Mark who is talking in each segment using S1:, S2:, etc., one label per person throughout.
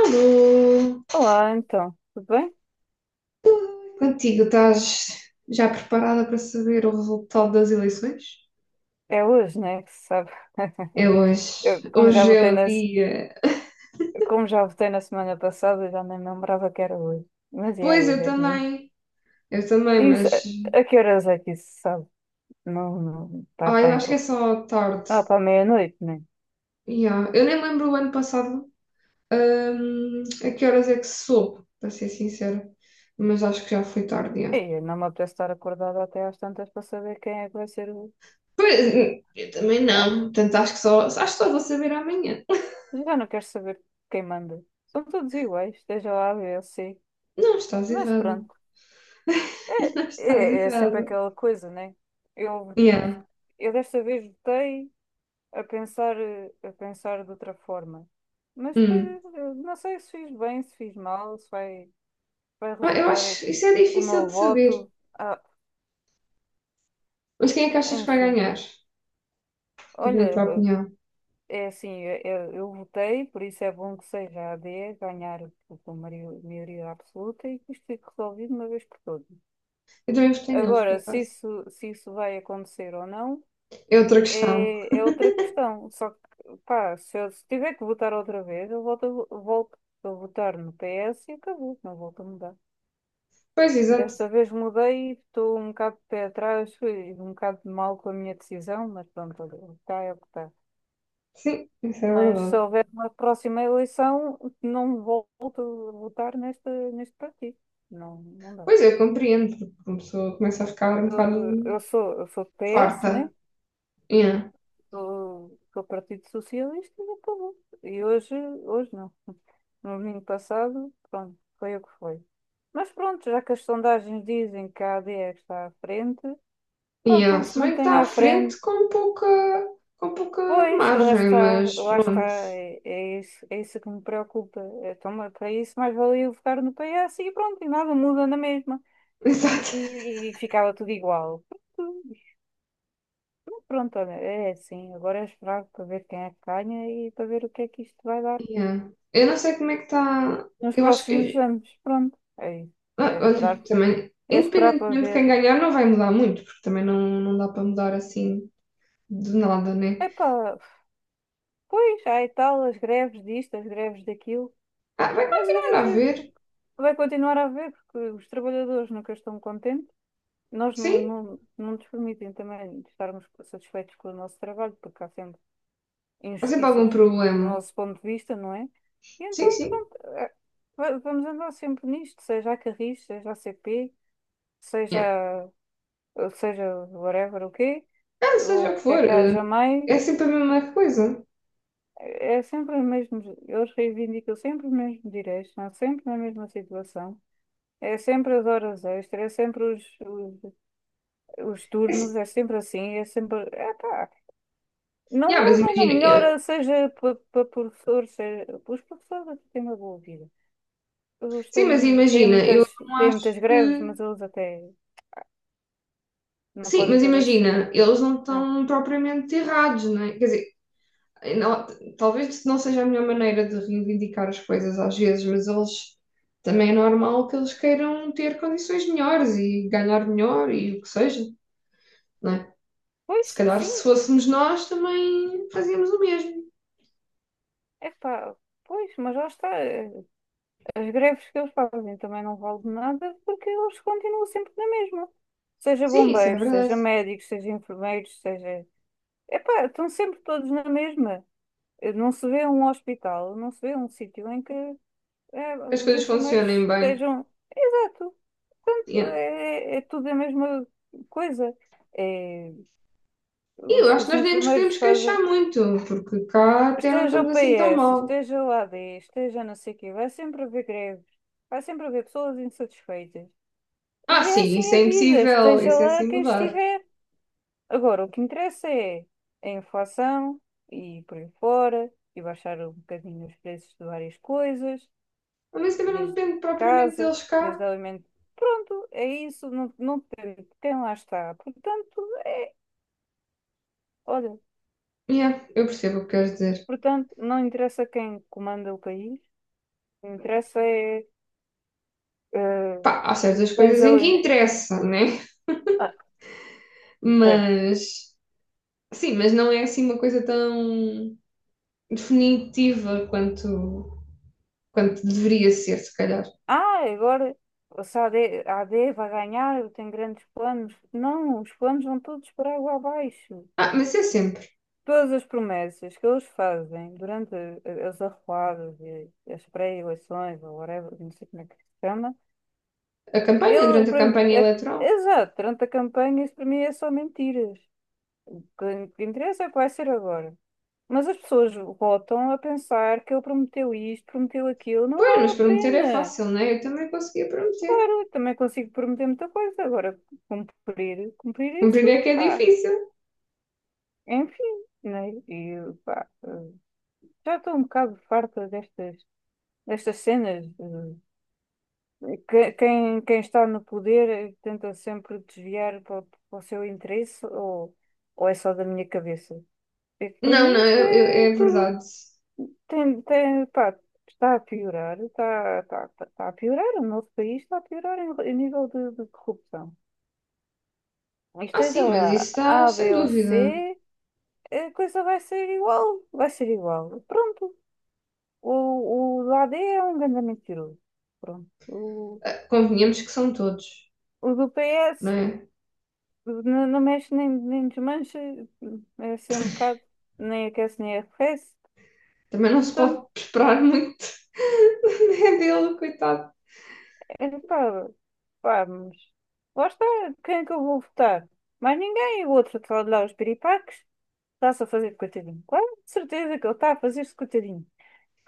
S1: Alô!
S2: Olá, então, tudo bem?
S1: Contigo, estás já preparada para saber o resultado das eleições?
S2: É hoje, né? Que se sabe.
S1: É hoje.
S2: Como já
S1: Hoje é
S2: votei
S1: o
S2: na, se-
S1: dia.
S2: como já votei na semana passada, já nem me lembrava que era hoje. Mas é
S1: Pois,
S2: hoje,
S1: eu
S2: é domingo.
S1: também. Eu também,
S2: Isso,
S1: mas.
S2: a que horas é que isso se sabe? Não, não, está
S1: Ah, eu
S2: bem.
S1: acho que é só tarde.
S2: Ah, para meia-noite, né?
S1: Yeah. Eu nem lembro o ano passado, a que horas é que se soube, para ser sincera. Mas acho que já foi tarde,
S2: E
S1: yeah.
S2: eu não me apetece estar acordada até às tantas para saber quem é que vai ser o.
S1: Pois, eu também
S2: Já,
S1: não. Portanto, acho que só vou saber amanhã.
S2: já não quero saber quem manda. São todos iguais, esteja lá a B ou C.
S1: Não estás
S2: Mas
S1: errado.
S2: pronto,
S1: Não estás
S2: é sempre
S1: errado.
S2: aquela coisa, né? Eu, eu,
S1: Yeah.
S2: eu desta vez votei a pensar, a pensar de outra forma. Mas
S1: Hum.
S2: depois, não sei se fiz bem, se fiz mal, se vai, vai
S1: Ah, eu
S2: resultar
S1: acho, isso é
S2: o
S1: difícil
S2: meu
S1: de saber.
S2: voto. Ah,
S1: Mas quem é que achas que vai
S2: enfim,
S1: ganhar? Tipo, na
S2: olha,
S1: tua opinião.
S2: é assim, eu votei, por isso é bom que seja a AD ganhar por maioria absoluta e que isto fique resolvido de uma vez por todas.
S1: Eu também votei neles, por
S2: Agora,
S1: acaso.
S2: se isso vai acontecer ou não,
S1: É outra questão.
S2: é outra questão. Só que, pá, se tiver que votar outra vez, volto a votar no PS e acabou, não volto a mudar.
S1: Pois, exato.
S2: Desta vez mudei, estou um bocado de pé atrás, fui um bocado de mal com a minha decisão, mas pronto, olha, o que está é o que está.
S1: Sim, isso é
S2: Mas se
S1: verdade.
S2: houver uma próxima eleição, não volto a votar neste partido. Não, não dá.
S1: Pois, eu compreendo, porque uma pessoa começa a ficar um bocado
S2: Eu sou do PS, né?
S1: farta. Yeah.
S2: Que o Partido Socialista e acabou. E hoje, hoje não. No domingo passado, pronto, foi o que foi. Mas pronto, já que as sondagens dizem que a AD é que está à frente, pá,
S1: Yeah.
S2: então que
S1: Se
S2: se
S1: bem que está
S2: mantenha
S1: à
S2: à frente.
S1: frente com pouca
S2: Pois,
S1: margem, mas
S2: lá está,
S1: pronto.
S2: é isso que me preocupa. Então, mas para isso, mais valia eu votar no PS e pronto, e nada muda na mesma.
S1: Exato.
S2: E ficava tudo igual. Pronto, pronto, olha, é assim. Agora é esperar para ver quem é que ganha e para ver o que é que isto vai dar
S1: Yeah. Eu não sei como é que está.
S2: nos
S1: Eu acho
S2: próximos
S1: que
S2: anos. Pronto, é isso.
S1: Ah,
S2: É
S1: olha,
S2: esperar,
S1: também,
S2: é esperar para
S1: independentemente de quem
S2: ver.
S1: ganhar, não vai mudar muito, porque também não, não dá para mudar assim de nada, né?
S2: Epá, pois, há e tal, as greves disto, as greves daquilo,
S1: Ah, vai
S2: mas
S1: continuar a haver,
S2: vai continuar a haver, porque os trabalhadores nunca estão contentes. Nós
S1: sim,
S2: não nos permitem também estarmos satisfeitos com o nosso trabalho, porque há sempre
S1: há sempre algum
S2: injustiças do
S1: problema.
S2: nosso ponto de vista, não é? E
S1: Sim,
S2: então,
S1: sim.
S2: pronto, vamos andar sempre nisto, seja a Carris, seja a CP, seja,
S1: Yeah.
S2: seja whatever o quê,
S1: Ah,
S2: ou
S1: seja
S2: o
S1: o que
S2: que é
S1: for,
S2: que haja mais.
S1: é sempre a mesma coisa.
S2: É sempre os mesmos, eles reivindicam sempre os mesmos direitos, estão sempre na mesma situação. É sempre as horas extras, é sempre os
S1: É,
S2: turnos,
S1: assim-
S2: é sempre assim, é sempre. Epá, não
S1: yeah, mas
S2: muda, não
S1: imagina, eu,
S2: melhora, seja para pa pa professores, seja, os professores até têm uma boa vida. Eles
S1: sim, mas
S2: têm
S1: imagina, eu não
S2: têm
S1: acho
S2: muitas greves,
S1: que.
S2: mas eles até não
S1: Sim,
S2: podem
S1: mas
S2: ter dois.
S1: imagina, eles não
S2: Ah,
S1: estão propriamente errados, né? Quer dizer, eh, não- talvez não seja a melhor maneira de reivindicar as coisas às vezes, mas eles também é normal que eles queiram ter condições melhores e ganhar melhor e o que seja, não é? Se
S2: pois,
S1: calhar
S2: sim,
S1: se fôssemos nós também fazíamos o mesmo.
S2: é epá, pois, mas lá está. As greves que eles fazem também não valem de nada porque eles continuam sempre na mesma. Seja
S1: Sim, isso é
S2: bombeiros,
S1: verdade.
S2: seja médicos, seja enfermeiros, seja. Epá, estão sempre todos na mesma. Não se vê um hospital, não se vê um sítio em que
S1: Que as
S2: os
S1: coisas
S2: enfermeiros
S1: funcionem bem.
S2: estejam. Exato,
S1: Yeah.
S2: é tudo a mesma coisa. É,
S1: E eu acho
S2: os
S1: que nós nem nos
S2: enfermeiros
S1: podemos
S2: fazem.
S1: queixar muito, porque cá até não
S2: Esteja o
S1: estamos assim tão
S2: PS,
S1: mal.
S2: esteja o AD, esteja não sei o quê, vai sempre haver greves, vai sempre haver pessoas insatisfeitas.
S1: Ah,
S2: E é
S1: sim, isso
S2: assim a
S1: é
S2: vida,
S1: impossível,
S2: esteja
S1: isso é
S2: lá
S1: assim
S2: quem
S1: mudar.
S2: estiver. Agora, o que interessa é a inflação e por aí fora, e baixar um bocadinho os preços de várias coisas,
S1: Mas isso também não
S2: desde
S1: depende propriamente
S2: casa,
S1: deles cá.
S2: desde alimento. Pronto, é isso, não, não tem, quem lá está. Portanto, é, olha,
S1: Yeah, eu percebo o que queres dizer.
S2: portanto, não interessa quem comanda o país, o que interessa é eh,
S1: Pá, há certas
S2: tens
S1: coisas em que
S2: alimento.
S1: interessa, né? Mas, sim, mas não é assim uma coisa tão definitiva quanto deveria ser, se calhar.
S2: Ah, agora se a AD, a AD vai ganhar, eu tenho grandes planos. Não, os planos vão todos para água abaixo.
S1: Ah, mas é sempre.
S2: Todas as promessas que eles fazem durante as arruadas e as pré-eleições, ou whatever, não sei como é que se chama,
S1: A campanha,
S2: ele,
S1: durante a
S2: para-
S1: campanha
S2: é que-
S1: eleitoral.
S2: exato, durante a campanha, isso para mim é só mentiras. O que interessa é o que vai ser agora. Mas as pessoas votam a pensar que ele prometeu isto, prometeu aquilo, não
S1: Pois,
S2: vale
S1: mas
S2: a
S1: prometer é
S2: pena.
S1: fácil, né? Eu também conseguia prometer.
S2: Claro, também consigo prometer muita coisa. Agora, cumprir, cumprir
S1: Cumprir
S2: isso,
S1: é que é
S2: pá,
S1: difícil.
S2: é enfim, né? E pá, já estou um bocado farta destas, destas cenas. Quem, quem está no poder tenta sempre desviar para o para o seu interesse, ou é só da minha cabeça. É que para
S1: Não,
S2: mim
S1: não,
S2: isto é
S1: é
S2: tudo.
S1: verdade.
S2: Tem, tem, pá, está a piorar, está, está, está a piorar, o nosso país está a piorar em, em nível de corrupção.
S1: Ah,
S2: Esteja
S1: sim, mas isso
S2: lá
S1: está
S2: A,
S1: sem
S2: B ou
S1: dúvida.
S2: C, a coisa vai ser igual. Vai ser igual. Pronto. O do A D é um grande mentiroso. Pronto.
S1: Ah, convenhamos que são todos,
S2: O do
S1: não
S2: PS
S1: é?
S2: não, não mexe nem, nem desmancha. É assim um bocado. Nem aquece nem arrefece.
S1: Também não se pode
S2: Portanto,
S1: esperar muito né, dele, coitado.
S2: é, pá, pá, mas lá está. Quem é que eu vou votar? Mais ninguém. O outro está lá os piripaques. Está-se a fazer de coitadinho. Claro, de certeza que ele está a fazer-se de coitadinho.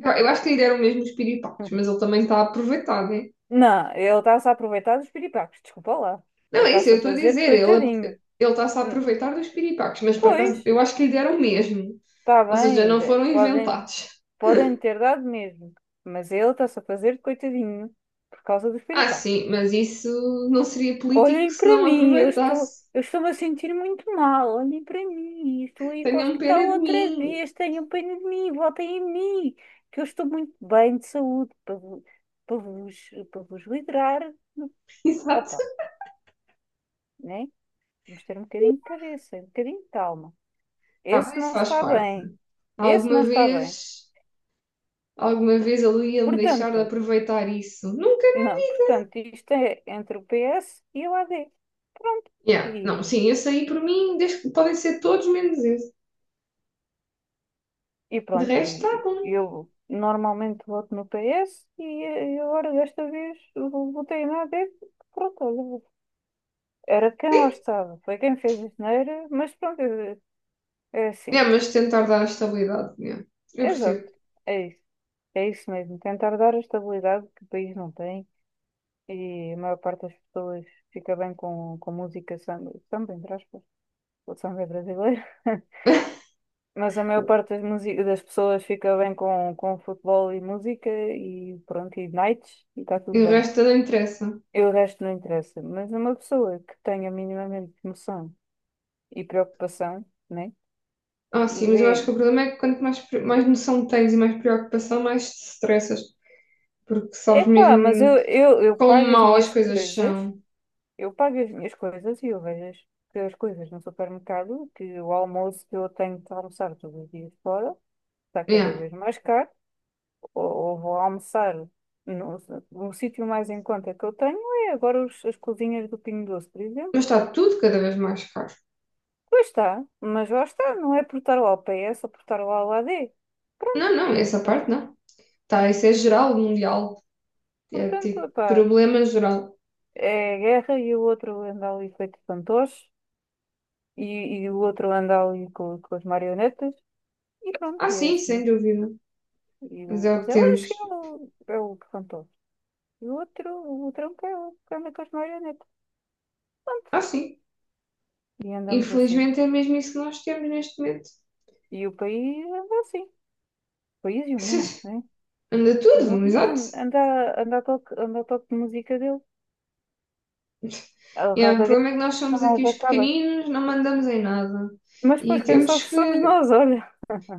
S1: Eu acho que lhe deram mesmo os piripaques, mas ele também está a aproveitar, né?
S2: Não, ele está-se a aproveitar dos piripacos, desculpa lá. Ele
S1: Não, é isso,
S2: está-se
S1: eu
S2: a
S1: estou a
S2: fazer de
S1: dizer, ele
S2: coitadinho.
S1: ele está-se a
S2: Hum,
S1: aproveitar dos piripaques, mas por
S2: Pois,
S1: acaso eu acho que lhe deram mesmo.
S2: está
S1: Ou seja,
S2: bem,
S1: não foram
S2: podem,
S1: inventados.
S2: podem ter dado mesmo, mas ele está-se a fazer de coitadinho por causa dos
S1: Ah,
S2: piripacos.
S1: sim, mas isso não seria político
S2: Olhem
S1: se
S2: para
S1: não
S2: mim,
S1: aproveitasse.
S2: eu estou-me a sentir muito mal. Olhem para mim, estou a ir para o
S1: Tenham pena
S2: hospital
S1: de
S2: outra
S1: mim.
S2: vez. Tenham pena de mim, votem em mim, que eu estou muito bem de saúde para vos livrar.
S1: Exato.
S2: Opa, né? Vamos ter um bocadinho de cabeça, um bocadinho de calma.
S1: Ah,
S2: Esse
S1: mas isso
S2: não
S1: faz
S2: está
S1: parte.
S2: bem. Esse
S1: Alguma
S2: não está bem.
S1: vez, alguma vez ele ia me deixar de
S2: Portanto,
S1: aproveitar isso. Nunca, né?
S2: não, portanto, isto é entre o PS e o AD. Pronto.
S1: Yeah. Não,
S2: E,
S1: sim, esse aí por mim, desde que podem ser todos menos esse. De resto, está bom.
S2: e eu normalmente voto no PS e, agora desta vez eu votei no AD. Pronto, olha, era de quem lá estava. Foi quem fez a geneira, mas pronto, é, é
S1: É,
S2: assim.
S1: mas tentar dar estabilidade, yeah. Eu
S2: Exato.
S1: percebo.
S2: É isso. É isso mesmo. Tentar dar a estabilidade que o país não tem. E a maior parte das pessoas fica bem com música samba, samba, entre aspas, o samba é brasileiro. Mas a maior parte das pessoas fica bem com futebol e música e pronto, e nights, e está
S1: E
S2: tudo
S1: o
S2: bem.
S1: resto não interessa.
S2: E o resto não interessa. Mas uma pessoa que tenha minimamente noção e preocupação, né?
S1: Ah, sim, mas eu
S2: Vê,
S1: acho que o problema é que quanto mais noção tens e mais preocupação, mais te estressas, porque sabes
S2: epá,
S1: mesmo
S2: eu
S1: quão
S2: pago as
S1: mal as
S2: minhas
S1: coisas
S2: coisas.
S1: são.
S2: Eu pago as minhas coisas e que as coisas no supermercado, que o almoço que eu tenho de almoçar todos os dias fora está cada
S1: Yeah.
S2: vez mais caro, ou vou almoçar no, no sítio mais em conta que eu tenho é agora as cozinhas do Pingo Doce, por exemplo.
S1: Mas está tudo cada vez mais caro.
S2: Pois está, mas lá está, não é por estar lá ao PS ou por estar lá ao AD. Pronto,
S1: Não, não, essa
S2: pronto,
S1: parte não. Tá, isso é geral, mundial. É
S2: portanto,
S1: tipo
S2: epá,
S1: problema geral.
S2: é a guerra e o outro anda ali feito fantoche, e, e o outro anda ali com as marionetas, e pronto,
S1: Ah,
S2: e é
S1: sim, sem
S2: assim.
S1: dúvida.
S2: E
S1: Mas é o
S2: o
S1: que
S2: Zelensky é
S1: temos.
S2: assim, o, é o que cantou. E o outro, o Trump é o que anda com as marionetas. Pronto.
S1: Ah, sim.
S2: E andamos assim.
S1: Infelizmente é mesmo isso que nós temos neste momento.
S2: E o país anda assim. O país e o mundo, né?
S1: Anda
S2: O
S1: tudo,
S2: mundo
S1: exato.
S2: anda, a toque, anda ao toque de música dele. A
S1: É, o
S2: Rádio Gaga
S1: problema é que nós
S2: nunca
S1: somos aqui
S2: mais
S1: os
S2: acaba.
S1: pequeninos, não mandamos em nada.
S2: Mas
S1: E
S2: depois quem
S1: temos
S2: sofre
S1: que.
S2: somos nós, olha.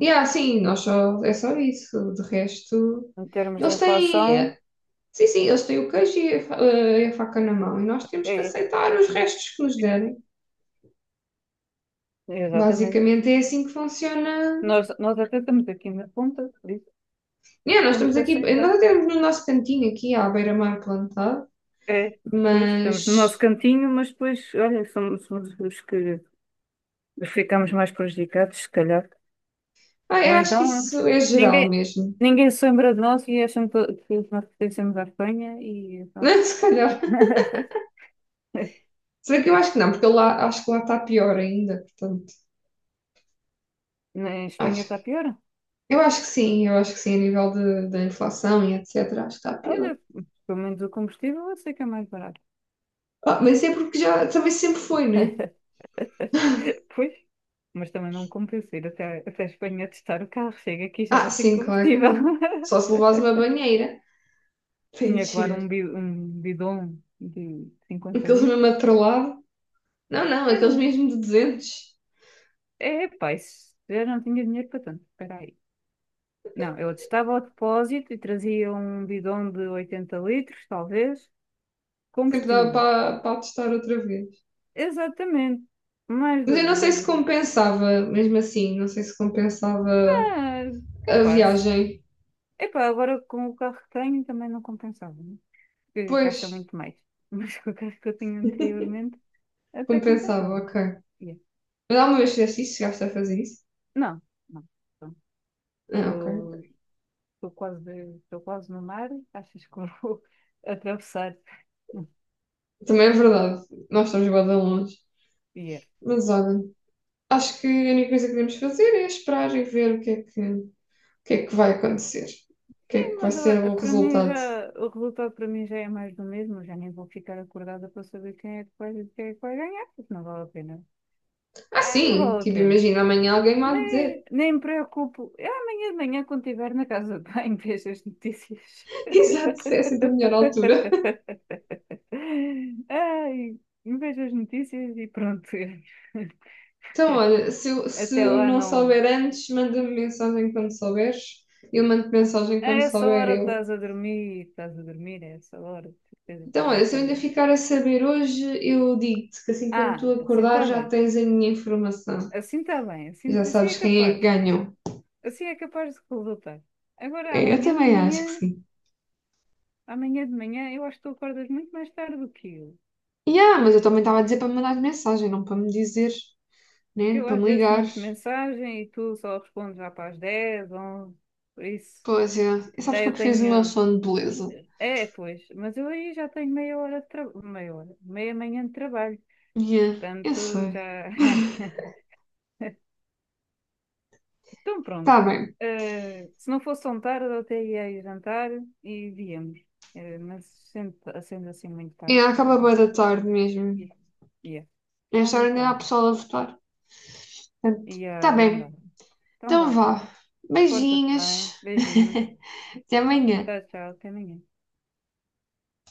S1: E sim, nós só. É só isso. De resto,
S2: Em termos de
S1: eles têm.
S2: inflação,
S1: Sim, sim, eles têm o queijo e a faca na mão. E nós temos que
S2: é,
S1: aceitar os restos que nos derem.
S2: exatamente.
S1: Basicamente é assim que funciona.
S2: Nós até estamos aqui na ponta, por isso
S1: Yeah, nós
S2: temos
S1: estamos
S2: que
S1: aqui.
S2: aceitar.
S1: Nós até temos no nosso cantinho aqui, à beira-mar plantado.
S2: É, pois, estamos no nosso
S1: Mas.
S2: cantinho, mas depois, olha, somos os que ficamos mais prejudicados, se calhar.
S1: Ah,
S2: Ou
S1: eu acho que
S2: então
S1: isso é geral
S2: ninguém,
S1: mesmo.
S2: ninguém se lembra de nós e acham que nós pertencemos à Espanha e pronto.
S1: Se calhar. Será que eu acho que não? Porque lá, acho que lá está pior ainda. Portanto.
S2: Na Espanha
S1: Acho
S2: está pior.
S1: Eu acho que sim, a nível da inflação e etc. Acho que está pior.
S2: Olha, pelo menos o combustível eu sei que é mais barato.
S1: Ah, mas é porque já também sempre foi, né?
S2: Pois, mas também não me compensa ir até a Espanha testar o carro. Chega aqui e já
S1: Ah,
S2: não tem
S1: sim, claro que
S2: combustível.
S1: não. Só se levares uma banheira para
S2: Tinha que levar um,
S1: encher.
S2: um bidon de 50
S1: Aqueles mesmo
S2: litros.
S1: atrolado. Não, não,
S2: Era
S1: aqueles
S2: um...
S1: mesmo de 200.
S2: É, pá, isso- eu não tinha dinheiro para tanto. Espera aí. Não, eu estava ao depósito e trazia um bidão de 80 litros, talvez,
S1: Sempre dava
S2: combustível.
S1: para testar outra vez.
S2: Exatamente. Mais
S1: Mas eu
S2: do,
S1: não sei
S2: mais
S1: se
S2: do.
S1: compensava, mesmo assim, não sei se compensava
S2: Ah,
S1: a
S2: capaz.
S1: viagem.
S2: Epá, agora com o carro que tenho também não compensava, né? Porque
S1: Pois,
S2: gasta muito mais. Mas com o carro que eu tinha anteriormente até
S1: compensava,
S2: compensava.
S1: ok.
S2: Yeah.
S1: Mas alguma vez fizeste isso? Chegaste a fazer isso?
S2: Não, não. Então,
S1: Ah, ok.
S2: estou quase, estou quase no mar. Achas que eu vou atravessar?
S1: Também é verdade, nós estamos bem longe.
S2: Yeah.
S1: Mas olha. Acho que a única coisa que devemos fazer é esperar e ver o que é que vai acontecer. O que é que vai
S2: Mas
S1: ser
S2: olha,
S1: o
S2: para mim
S1: resultado.
S2: já, o resultado para mim já é mais do mesmo, eu já nem vou ficar acordada para saber quem é que vai ganhar, porque não vale a pena.
S1: Ah,
S2: Ah, não
S1: sim,
S2: vale a
S1: tipo,
S2: pena.
S1: imagina amanhã alguém me há de
S2: Nem,
S1: dizer.
S2: nem me preocupo. Eu amanhã de manhã, quando estiver na casa de banho, vejo as notícias.
S1: Exato, é sempre a melhor altura.
S2: Ai, vejo as notícias e pronto.
S1: Então, olha, se eu, se
S2: Até
S1: eu
S2: lá
S1: não
S2: não.
S1: souber antes, manda-me mensagem quando souberes. Eu mando mensagem
S2: A
S1: quando
S2: essa
S1: souber
S2: hora
S1: eu.
S2: estás a dormir, a essa hora, de certeza que tu
S1: Então,
S2: não
S1: olha, se eu ainda
S2: acordas.
S1: ficar a saber hoje, eu digo-te que assim quando tu
S2: Ah, assim
S1: acordar
S2: está
S1: já
S2: bem.
S1: tens a minha informação.
S2: Assim está bem,
S1: E
S2: assim,
S1: já
S2: assim é
S1: sabes quem é que
S2: capaz.
S1: ganhou.
S2: Assim é capaz de resultar. Agora,
S1: É, eu também acho que sim.
S2: amanhã de manhã, eu acho que tu acordas muito mais tarde do que eu.
S1: Yeah, mas eu
S2: Que,
S1: também estava a dizer para me mandar mensagem, não para me dizer,
S2: que
S1: né?
S2: eu
S1: Para me
S2: às vezes
S1: ligar.
S2: mando mensagem e tu só respondes já para as 10 11. Por isso,
S1: Pois é. E sabes
S2: já
S1: que eu
S2: eu
S1: preciso do meu
S2: tenho.
S1: sono de beleza.
S2: É, pois, mas eu aí já tenho meia hora de trabalho. Meia hora, meia manhã de trabalho.
S1: Yeah, eu
S2: Portanto, já.
S1: sei.
S2: Então,
S1: Tá
S2: pronto.
S1: bem.
S2: Eh, se não fosse tão tarde, eu até ia ir jantar e víamos. Eh, mas sendo, sendo assim muito
S1: E
S2: tarde, já
S1: acaba
S2: não.
S1: bem da tarde mesmo.
S2: Yeah.
S1: Nesta
S2: Então,
S1: hora ainda há
S2: pronto.
S1: pessoal a votar. Portanto,
S2: E
S1: tá
S2: ah, não dá.
S1: bem.
S2: Então
S1: Então
S2: vá.
S1: vá.
S2: Porta-te
S1: Beijinhos.
S2: bem. Beijinhos.
S1: Até amanhã.
S2: Tchau, tchau. Até amanhã.